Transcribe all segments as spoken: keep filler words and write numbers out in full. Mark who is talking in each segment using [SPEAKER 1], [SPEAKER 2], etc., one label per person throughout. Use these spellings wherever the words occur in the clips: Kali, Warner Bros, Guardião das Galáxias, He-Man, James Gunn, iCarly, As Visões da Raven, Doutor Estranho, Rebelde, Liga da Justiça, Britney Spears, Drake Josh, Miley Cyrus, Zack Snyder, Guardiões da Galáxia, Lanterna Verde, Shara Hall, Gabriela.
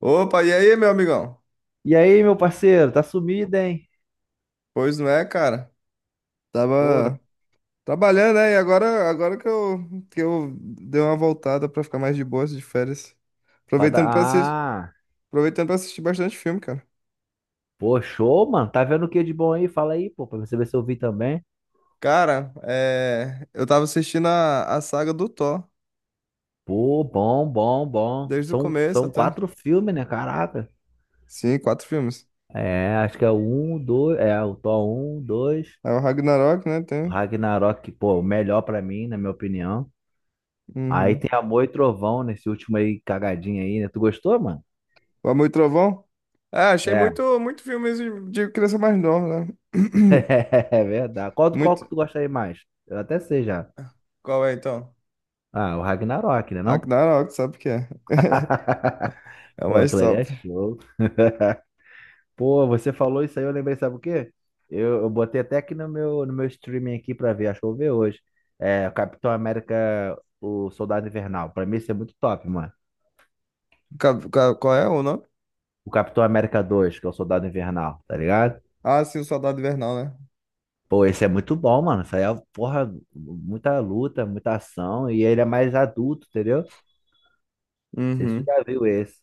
[SPEAKER 1] Opa, e aí, meu amigão?
[SPEAKER 2] E aí, meu parceiro, tá sumido, hein?
[SPEAKER 1] Pois não é, cara.
[SPEAKER 2] Pô, tá...
[SPEAKER 1] Tava trabalhando, né? E agora, agora que eu, que eu dei uma voltada pra ficar mais de boas de férias.
[SPEAKER 2] pra dar-
[SPEAKER 1] Aproveitando pra assistir,
[SPEAKER 2] Ah,
[SPEAKER 1] aproveitando pra assistir bastante filme, cara.
[SPEAKER 2] pô, show, mano. Tá vendo o que de bom aí? Fala aí, pô, pra você ver se eu vi também.
[SPEAKER 1] Cara, é, eu tava assistindo a, a saga do Thor,
[SPEAKER 2] Pô, bom, bom, bom.
[SPEAKER 1] desde o
[SPEAKER 2] São,
[SPEAKER 1] começo
[SPEAKER 2] são
[SPEAKER 1] até.
[SPEAKER 2] quatro filmes, né? Caraca.
[SPEAKER 1] Sim, quatro filmes.
[SPEAKER 2] É, acho que é o um, dois. É, o Thor um, dois.
[SPEAKER 1] É o Ragnarok, né?
[SPEAKER 2] O
[SPEAKER 1] Tem.
[SPEAKER 2] Ragnarok, pô, o melhor pra mim, na minha opinião. Aí
[SPEAKER 1] Uhum.
[SPEAKER 2] tem Amor e Trovão nesse último aí, cagadinho aí, né? Tu gostou, mano?
[SPEAKER 1] O Amor e Trovão. É, achei
[SPEAKER 2] É,
[SPEAKER 1] muito, muito filmes de, de criança mais nova, né?
[SPEAKER 2] é verdade. Qual, qual que
[SPEAKER 1] Muito.
[SPEAKER 2] tu gosta aí mais? Eu até sei já.
[SPEAKER 1] Qual é, então?
[SPEAKER 2] Ah, o Ragnarok, né, não?
[SPEAKER 1] Ragnarok, sabe o que é? É o
[SPEAKER 2] Pô,
[SPEAKER 1] mais
[SPEAKER 2] aquilo ali é
[SPEAKER 1] top.
[SPEAKER 2] show. Pô, você falou isso aí, eu lembrei, sabe o quê? Eu, eu botei até aqui no meu, no meu streaming aqui pra ver, acho que eu vou ver hoje. É, Capitão América, o Soldado Invernal. Pra mim, isso é muito top, mano.
[SPEAKER 1] Ca- ca- Qual é o nome?
[SPEAKER 2] O Capitão América dois que é o Soldado Invernal, tá ligado?
[SPEAKER 1] Ah, sim, o Soldado Invernal, né?
[SPEAKER 2] Pô, esse é muito bom, mano. Isso aí é, porra, muita luta, muita ação. E ele é mais adulto, entendeu? Não sei se tu
[SPEAKER 1] Uhum.
[SPEAKER 2] já viu esse.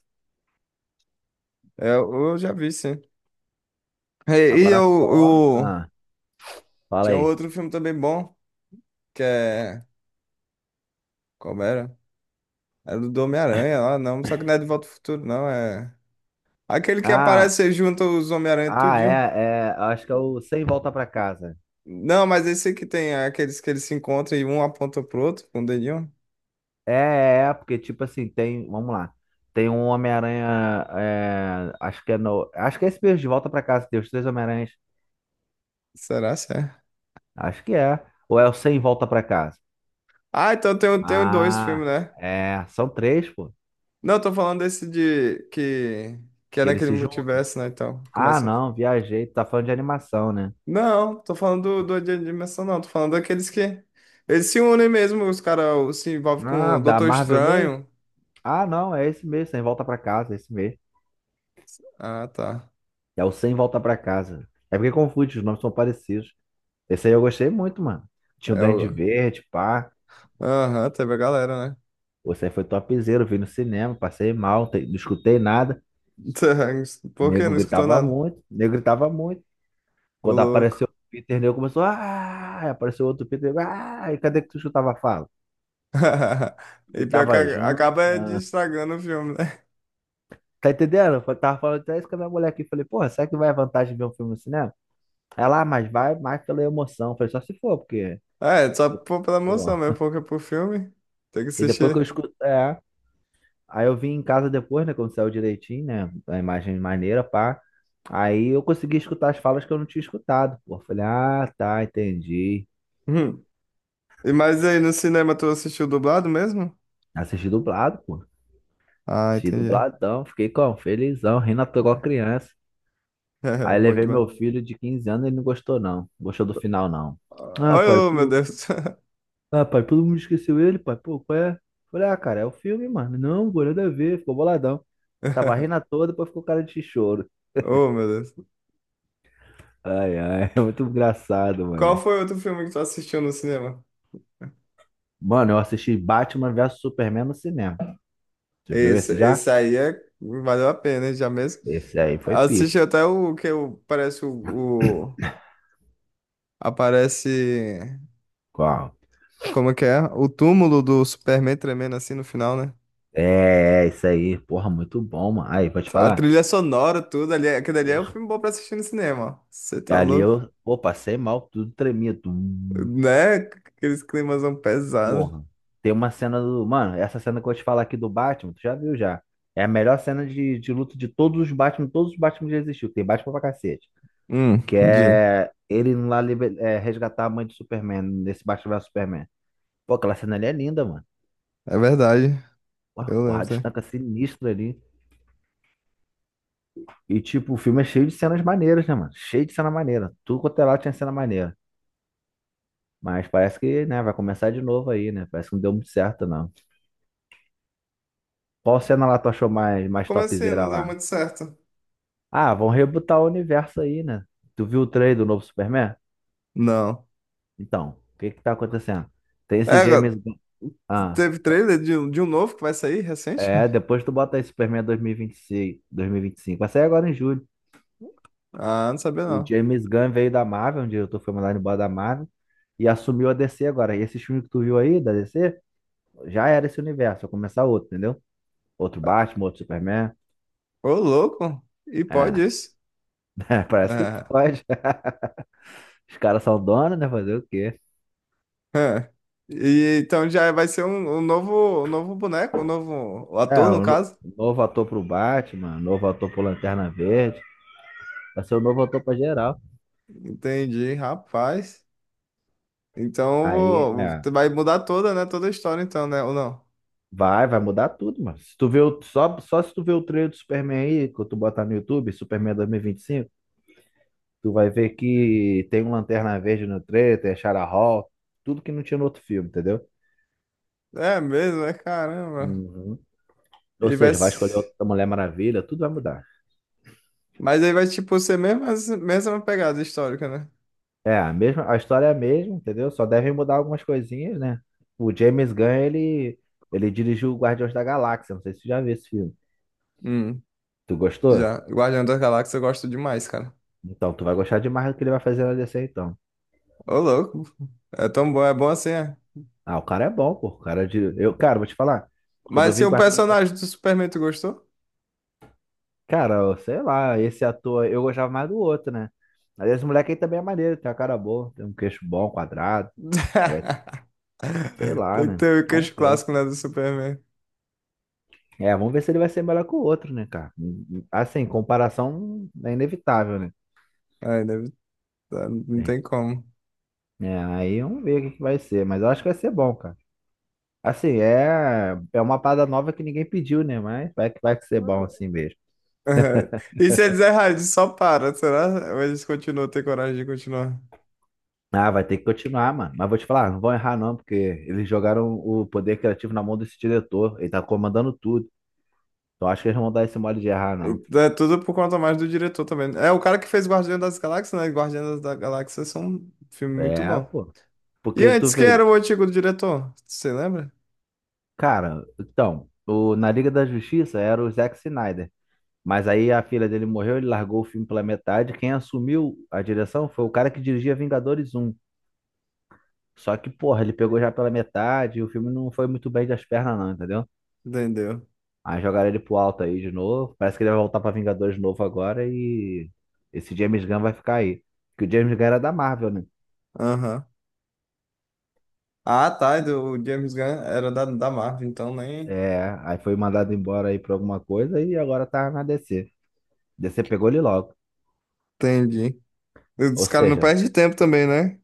[SPEAKER 1] É, eu já vi, sim. E, e eu,
[SPEAKER 2] Agora só.
[SPEAKER 1] eu-
[SPEAKER 2] Ah, fala
[SPEAKER 1] tinha um
[SPEAKER 2] aí.
[SPEAKER 1] outro filme também bom, que é... Como era? Era do Homem-Aranha, ah, não. Só que não é De Volta ao Futuro, não. É... Aquele que
[SPEAKER 2] Ah,
[SPEAKER 1] aparece junto os Homem-Aranha
[SPEAKER 2] ah,
[SPEAKER 1] tudinho.
[SPEAKER 2] é, é. Acho que é o Sem Volta Pra Casa.
[SPEAKER 1] Não, mas esse que tem aqueles que eles se encontram e um aponta pro outro com o dedinho.
[SPEAKER 2] É, é, porque tipo assim, tem, vamos lá, tem um Homem-Aranha, é, acho que é no, acho que é esse mesmo, de Volta pra Casa, que tem os três Homem-Aranhas,
[SPEAKER 1] Será, será?
[SPEAKER 2] acho que é, ou é o sem Volta pra Casa?
[SPEAKER 1] Ah, então tem, tem dois filmes,
[SPEAKER 2] Ah,
[SPEAKER 1] né?
[SPEAKER 2] é, são três, pô,
[SPEAKER 1] Não, eu tô falando desse de que que é
[SPEAKER 2] que eles
[SPEAKER 1] naquele
[SPEAKER 2] se juntam.
[SPEAKER 1] multiverso, né? Então,
[SPEAKER 2] Ah,
[SPEAKER 1] começa. a-
[SPEAKER 2] não, viajei, tu tá falando de animação, né?
[SPEAKER 1] Não, tô falando do, do de dimensão, não. Tô falando daqueles que eles se unem mesmo, os caras se envolvem com
[SPEAKER 2] Ah,
[SPEAKER 1] o
[SPEAKER 2] da
[SPEAKER 1] Doutor
[SPEAKER 2] Marvel mesmo?
[SPEAKER 1] Estranho.
[SPEAKER 2] Ah, não, é esse mesmo, sem Volta pra Casa, é esse mesmo,
[SPEAKER 1] Ah, tá.
[SPEAKER 2] é o sem Volta pra Casa, é porque confunde, os nomes são parecidos, esse aí eu gostei muito, mano, tinha o
[SPEAKER 1] É
[SPEAKER 2] Duende
[SPEAKER 1] o.
[SPEAKER 2] Verde, pá,
[SPEAKER 1] Aham, teve a galera, né?
[SPEAKER 2] Você foi topzera, eu vi no cinema, passei mal, te- não escutei nada.
[SPEAKER 1] Tá,
[SPEAKER 2] O
[SPEAKER 1] por que
[SPEAKER 2] nego
[SPEAKER 1] não escutou
[SPEAKER 2] gritava
[SPEAKER 1] nada?
[SPEAKER 2] muito, o nego gritava muito.
[SPEAKER 1] Ô,
[SPEAKER 2] Quando apareceu
[SPEAKER 1] louco.
[SPEAKER 2] o Peter, o nego começou, ah, aí apareceu outro Peter, nego, ah, e cadê que tu escutava a fala?
[SPEAKER 1] E pior que
[SPEAKER 2] Gritava
[SPEAKER 1] a-
[SPEAKER 2] junto.
[SPEAKER 1] acaba é de
[SPEAKER 2] Ah.
[SPEAKER 1] estragando o filme, né?
[SPEAKER 2] Tá entendendo? Eu tava falando até isso com a minha mulher aqui. Falei, porra, será que vai a vantagem de ver um filme no cinema? Ela, ah, mas vai mais pela emoção. Eu falei, só se for, porque.
[SPEAKER 1] Ah, é, só por- pela emoção mesmo,
[SPEAKER 2] Porra.
[SPEAKER 1] porque pro filme tem que
[SPEAKER 2] E depois que eu
[SPEAKER 1] assistir.
[SPEAKER 2] escuto. É, aí eu vim em casa depois, né? Quando saiu direitinho, né? A imagem maneira, pá. Aí eu consegui escutar as falas que eu não tinha escutado, pô. Falei, ah, tá, entendi.
[SPEAKER 1] Hum. E mais aí, no cinema tu assistiu dublado mesmo?
[SPEAKER 2] Assisti dublado, pô.
[SPEAKER 1] Ah,
[SPEAKER 2] Assisti
[SPEAKER 1] entendi.
[SPEAKER 2] dubladão, fiquei como? Felizão, rindo à toa igual criança. Aí
[SPEAKER 1] Bom
[SPEAKER 2] levei
[SPEAKER 1] demais.
[SPEAKER 2] meu filho de quinze anos ele não gostou, não. Não gostou do final, não.
[SPEAKER 1] Ah,
[SPEAKER 2] Ah, pai,
[SPEAKER 1] oh, meu
[SPEAKER 2] pô.
[SPEAKER 1] Deus.
[SPEAKER 2] Ah, pai, todo mundo esqueceu ele, pai, pô, qual é? Falei, ah, cara, é o filme, mano. Não, pô, nada a ver, ficou boladão. Tava rindo à toa, depois ficou cara de choro.
[SPEAKER 1] Oh, meu Deus.
[SPEAKER 2] Ai, ai, é muito engraçado,
[SPEAKER 1] Qual
[SPEAKER 2] mano.
[SPEAKER 1] foi outro filme que tu assistiu no cinema?
[SPEAKER 2] Mano, eu assisti Batman vs Superman no cinema. Você viu
[SPEAKER 1] Esse,
[SPEAKER 2] esse já?
[SPEAKER 1] esse aí é, valeu a pena, hein, já mesmo.
[SPEAKER 2] Esse aí foi pico.
[SPEAKER 1] Assisti até o que o- parece o, o- aparece.
[SPEAKER 2] Qual?
[SPEAKER 1] Como é que é? O túmulo do Superman tremendo assim no final, né?
[SPEAKER 2] É, é, isso aí. Porra, muito bom, mano. Aí, pode
[SPEAKER 1] A
[SPEAKER 2] falar?
[SPEAKER 1] trilha sonora, tudo ali. Aquele ali é um
[SPEAKER 2] Porra.
[SPEAKER 1] filme bom pra assistir no cinema, ó. Você tá
[SPEAKER 2] Ali
[SPEAKER 1] louco?
[SPEAKER 2] eu, pô, passei mal, tudo tremia. Tum.
[SPEAKER 1] Né? Aqueles climas pesados.
[SPEAKER 2] Porra. Tem uma cena do. Mano, essa cena que eu vou te falar aqui do Batman, tu já viu já. É a melhor cena de, de luta de todos os Batman, todos os Batman que já existiu. Tem Batman pra cacete.
[SPEAKER 1] Hum,
[SPEAKER 2] Que
[SPEAKER 1] de.
[SPEAKER 2] é ele indo lá liber- é, resgatar a mãe do Superman, nesse Batman vs Superman. Pô, aquela cena ali é linda, mano.
[SPEAKER 1] É verdade.
[SPEAKER 2] O
[SPEAKER 1] Eu
[SPEAKER 2] Arquado
[SPEAKER 1] lembro, né?
[SPEAKER 2] estanca sinistro ali. E, tipo, o filme é cheio de cenas maneiras, né, mano? Cheio de cena maneira. Tudo quanto é lá tinha cena maneira. Mas parece que, né, vai começar de novo aí, né? Parece que não deu muito certo, não. Qual cena lá tu achou mais, mais
[SPEAKER 1] Como assim?
[SPEAKER 2] topzera
[SPEAKER 1] Não deu
[SPEAKER 2] lá?
[SPEAKER 1] muito certo.
[SPEAKER 2] Ah, vão rebutar o universo aí, né? Tu viu o trailer do novo Superman?
[SPEAKER 1] Não.
[SPEAKER 2] Então, o que que tá acontecendo? Tem
[SPEAKER 1] É,
[SPEAKER 2] esse
[SPEAKER 1] agora,
[SPEAKER 2] James Gunn. Ah,
[SPEAKER 1] teve trailer de, um- de um novo que vai sair recente?
[SPEAKER 2] é, depois tu bota aí Superman dois mil e vinte e seis, dois mil e vinte e cinco. Vai sair agora em julho.
[SPEAKER 1] Ah, não sabia
[SPEAKER 2] O
[SPEAKER 1] não.
[SPEAKER 2] James Gunn veio da Marvel, um diretor foi mandado embora da Marvel, e assumiu a D C agora. E esse filme que tu viu aí, da D C, já era esse universo, vai começar outro, entendeu? Outro Batman, outro Superman.
[SPEAKER 1] Ô, louco! E pode
[SPEAKER 2] É,
[SPEAKER 1] isso?
[SPEAKER 2] parece que
[SPEAKER 1] É.
[SPEAKER 2] pode. Os caras são donos, né? Fazer o quê?
[SPEAKER 1] É. E então já vai ser um, um novo, um novo boneco, um novo
[SPEAKER 2] É,
[SPEAKER 1] ator, no
[SPEAKER 2] um no-
[SPEAKER 1] caso.
[SPEAKER 2] novo ator pro Batman, novo ator pro Lanterna Verde, vai ser o novo ator pra geral.
[SPEAKER 1] Entendi, rapaz. Então eu
[SPEAKER 2] Aí,
[SPEAKER 1] vou,
[SPEAKER 2] é,
[SPEAKER 1] tu vai mudar toda, né? Toda a história, então, né? Ou não?
[SPEAKER 2] vai, vai mudar tudo, mano. Se tu vê o, só, só se tu vê o trailer do Superman aí, que tu botar no YouTube, Superman dois mil e vinte e cinco, tu vai ver que tem um Lanterna Verde no três, tem a Shara Hall, tudo que não tinha no outro filme, entendeu?
[SPEAKER 1] É mesmo, é caramba.
[SPEAKER 2] Uhum. Ou
[SPEAKER 1] E vai.
[SPEAKER 2] seja, vai escolher
[SPEAKER 1] Se-
[SPEAKER 2] outra Mulher Maravilha, tudo vai mudar.
[SPEAKER 1] Mas aí vai, tipo, ser mesmo, as- mesma pegada histórica, né?
[SPEAKER 2] É, a mesma, a história é a mesma, entendeu? Só devem mudar algumas coisinhas, né? O James Gunn, ele, ele dirigiu o Guardiões da Galáxia, não sei se tu já viu esse filme.
[SPEAKER 1] Hum.
[SPEAKER 2] Tu gostou?
[SPEAKER 1] Já, Guardião das Galáxias eu gosto demais, cara.
[SPEAKER 2] Então, tu vai gostar demais do que ele vai fazer na D C, então.
[SPEAKER 1] Ô, louco. É tão bom, é bom assim, é.
[SPEAKER 2] Ah, o cara é bom, pô. O cara de... Eu, cara, vou te falar. Quando eu
[SPEAKER 1] Mas se
[SPEAKER 2] vi
[SPEAKER 1] o
[SPEAKER 2] Guardiões
[SPEAKER 1] personagem do Superman, tu gostou?
[SPEAKER 2] cara, eu sei lá, esse ator, eu gostava mais do outro, né? Mas esse moleque aí também é maneiro, tem uma cara boa, tem um queixo bom, quadrado, parece, sei lá,
[SPEAKER 1] Tem que
[SPEAKER 2] né?
[SPEAKER 1] ter o
[SPEAKER 2] Vamos
[SPEAKER 1] queixo
[SPEAKER 2] ver.
[SPEAKER 1] clássico, né, do Superman.
[SPEAKER 2] É, vamos ver se ele vai ser melhor que o outro, né, cara? Hum, hum, Assim, comparação é inevitável, né?
[SPEAKER 1] Ai, deve... tá, não
[SPEAKER 2] É,
[SPEAKER 1] tem como.
[SPEAKER 2] é, aí vamos ver o que que vai ser, mas eu acho que vai ser bom, cara. Assim, é, é uma parada nova que ninguém pediu, né? Mas vai que vai ser bom assim mesmo.
[SPEAKER 1] E se eles errarem, só para, será? Ou eles continuam, ter coragem de continuar?
[SPEAKER 2] Ah, vai ter que continuar, mano. Mas vou te falar, não vão errar não, porque eles jogaram o poder criativo na mão desse diretor. Ele tá comandando tudo. Eu acho que eles vão dar esse mole de errar, não.
[SPEAKER 1] É tudo por conta mais do diretor também. É o cara que fez Guardião das Galáxias, né? Guardião das Galáxias são um filme muito
[SPEAKER 2] É,
[SPEAKER 1] bom.
[SPEAKER 2] pô.
[SPEAKER 1] E
[SPEAKER 2] Porque tu
[SPEAKER 1] antes, quem era
[SPEAKER 2] vê,
[SPEAKER 1] o antigo diretor? Você lembra?
[SPEAKER 2] cara, então, o, na Liga da Justiça era o Zack Snyder. Mas aí a filha dele morreu, ele largou o filme pela metade. Quem assumiu a direção foi o cara que dirigia Vingadores um. Só que, porra, ele pegou já pela metade e o filme não foi muito bem das pernas, não, entendeu?
[SPEAKER 1] Entendeu?
[SPEAKER 2] Aí jogaram ele pro alto aí de novo. Parece que ele vai voltar pra Vingadores de novo agora e esse James Gunn vai ficar aí. Porque o James Gunn era da Marvel, né?
[SPEAKER 1] Aham. Ah, tá. e do- O James Gunn era da, da Marvel, então nem.
[SPEAKER 2] É, aí foi mandado embora aí por alguma coisa e agora tá na D C. D C pegou ele logo.
[SPEAKER 1] Entendi.
[SPEAKER 2] Ou
[SPEAKER 1] Os caras não
[SPEAKER 2] seja,
[SPEAKER 1] perdem tempo também, né?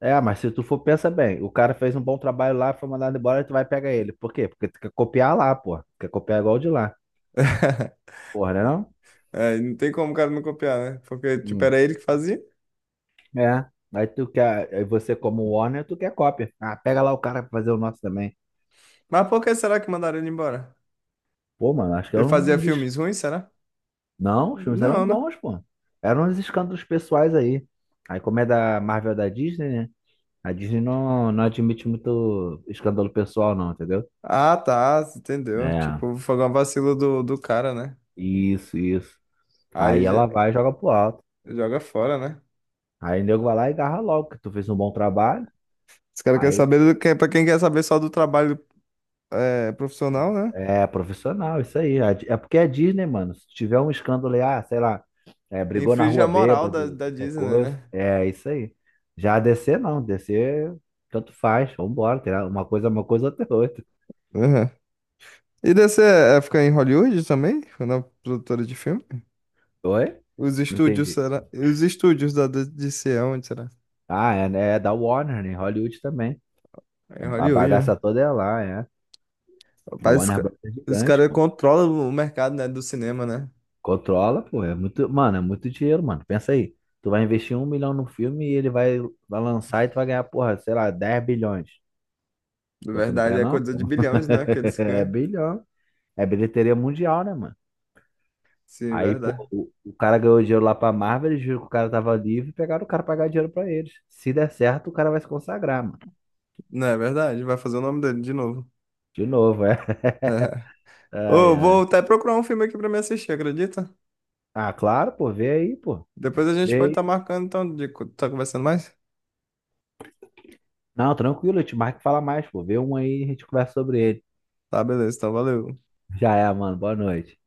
[SPEAKER 2] é, mas se tu for, pensa bem, o cara fez um bom trabalho lá, foi mandado embora, e tu vai pegar ele. Por quê? Porque tu quer copiar lá, pô. Quer copiar igual o de lá. Porra, né não?
[SPEAKER 1] É, não tem como o cara não copiar, né? Porque, tipo,
[SPEAKER 2] Hum.
[SPEAKER 1] era ele que fazia.
[SPEAKER 2] É. Aí tu quer, aí você como Warner, tu quer cópia. Ah, pega lá o cara pra fazer o nosso também.
[SPEAKER 1] Mas por que será que mandaram ele embora?
[SPEAKER 2] Pô, mano, acho que
[SPEAKER 1] Ele
[SPEAKER 2] eram
[SPEAKER 1] fazia
[SPEAKER 2] uns... es-
[SPEAKER 1] filmes ruins, será?
[SPEAKER 2] Não, os filmes eram
[SPEAKER 1] Não, né?
[SPEAKER 2] bons, pô. Eram uns escândalos pessoais aí. Aí como é da Marvel é da Disney, né? A Disney não, não admite muito escândalo pessoal, não, entendeu?
[SPEAKER 1] Ah, tá. Entendeu?
[SPEAKER 2] É,
[SPEAKER 1] Tipo, foi uma vacila do, do cara, né?
[SPEAKER 2] isso, isso. Aí
[SPEAKER 1] Aí
[SPEAKER 2] ela
[SPEAKER 1] já-
[SPEAKER 2] vai e joga pro alto.
[SPEAKER 1] Joga fora, né?
[SPEAKER 2] Aí o nego vai lá e agarra logo, que tu fez um bom trabalho.
[SPEAKER 1] Os caras querem
[SPEAKER 2] Aí
[SPEAKER 1] saber do que, pra quem quer saber só do trabalho é, profissional, né?
[SPEAKER 2] é profissional, isso aí. A Di- É porque é Disney, mano. Se tiver um escândalo aí, ah, sei lá, é, brigou na
[SPEAKER 1] Infringe a
[SPEAKER 2] rua
[SPEAKER 1] moral da,
[SPEAKER 2] bêbado,
[SPEAKER 1] da
[SPEAKER 2] qualquer
[SPEAKER 1] Disney,
[SPEAKER 2] coisa.
[SPEAKER 1] né?
[SPEAKER 2] É isso aí. Já a D C não, D C tanto faz, vambora. Tem uma coisa é uma coisa, outra é outra.
[SPEAKER 1] E dessa é ficar em Hollywood também? Na produtora de filme?
[SPEAKER 2] Oi?
[SPEAKER 1] Os
[SPEAKER 2] Não
[SPEAKER 1] estúdios,
[SPEAKER 2] entendi.
[SPEAKER 1] será? Os estúdios da D- DC, é onde será?
[SPEAKER 2] Ah, é, né? É da Warner, né? Hollywood também.
[SPEAKER 1] É em
[SPEAKER 2] A a
[SPEAKER 1] Hollywood,
[SPEAKER 2] bagaça
[SPEAKER 1] né?
[SPEAKER 2] toda é lá, é. A
[SPEAKER 1] Rapaz, os
[SPEAKER 2] Warner
[SPEAKER 1] ca-
[SPEAKER 2] Bros. É
[SPEAKER 1] os
[SPEAKER 2] gigante,
[SPEAKER 1] caras
[SPEAKER 2] pô.
[SPEAKER 1] controlam o mercado, né, do cinema, né?
[SPEAKER 2] Controla, pô. É muito, mano, é muito dinheiro, mano. Pensa aí. Tu vai investir um milhão no filme e ele vai, vai lançar e tu vai ganhar, porra, sei lá, dez bilhões.
[SPEAKER 1] Na
[SPEAKER 2] Pô, tu não
[SPEAKER 1] verdade,
[SPEAKER 2] quer
[SPEAKER 1] é
[SPEAKER 2] não,
[SPEAKER 1] coisa de
[SPEAKER 2] pô?
[SPEAKER 1] bilhões, né, que eles
[SPEAKER 2] É
[SPEAKER 1] ganham.
[SPEAKER 2] bilhão. É bilheteria mundial, né, mano?
[SPEAKER 1] Sim,
[SPEAKER 2] Aí,
[SPEAKER 1] verdade.
[SPEAKER 2] pô, o, o cara ganhou dinheiro lá pra Marvel, eles viram que o cara tava livre e pegaram o cara pra pagar dinheiro pra eles. Se der certo, o cara vai se consagrar, mano.
[SPEAKER 1] Não é verdade? Vai fazer o nome dele de novo.
[SPEAKER 2] De novo, é. Ai,
[SPEAKER 1] Ô,
[SPEAKER 2] ai.
[SPEAKER 1] vou até procurar um filme aqui pra me assistir, acredita?
[SPEAKER 2] Ah, claro, pô, vê aí, pô.
[SPEAKER 1] Depois a gente pode
[SPEAKER 2] Vê
[SPEAKER 1] estar marcando, então, de co- tá conversando mais?
[SPEAKER 2] não, tranquilo, eu te marco e fala mais, pô. Vê um aí e a gente conversa sobre ele.
[SPEAKER 1] Tá, beleza, então, valeu.
[SPEAKER 2] Já é, mano. Boa noite.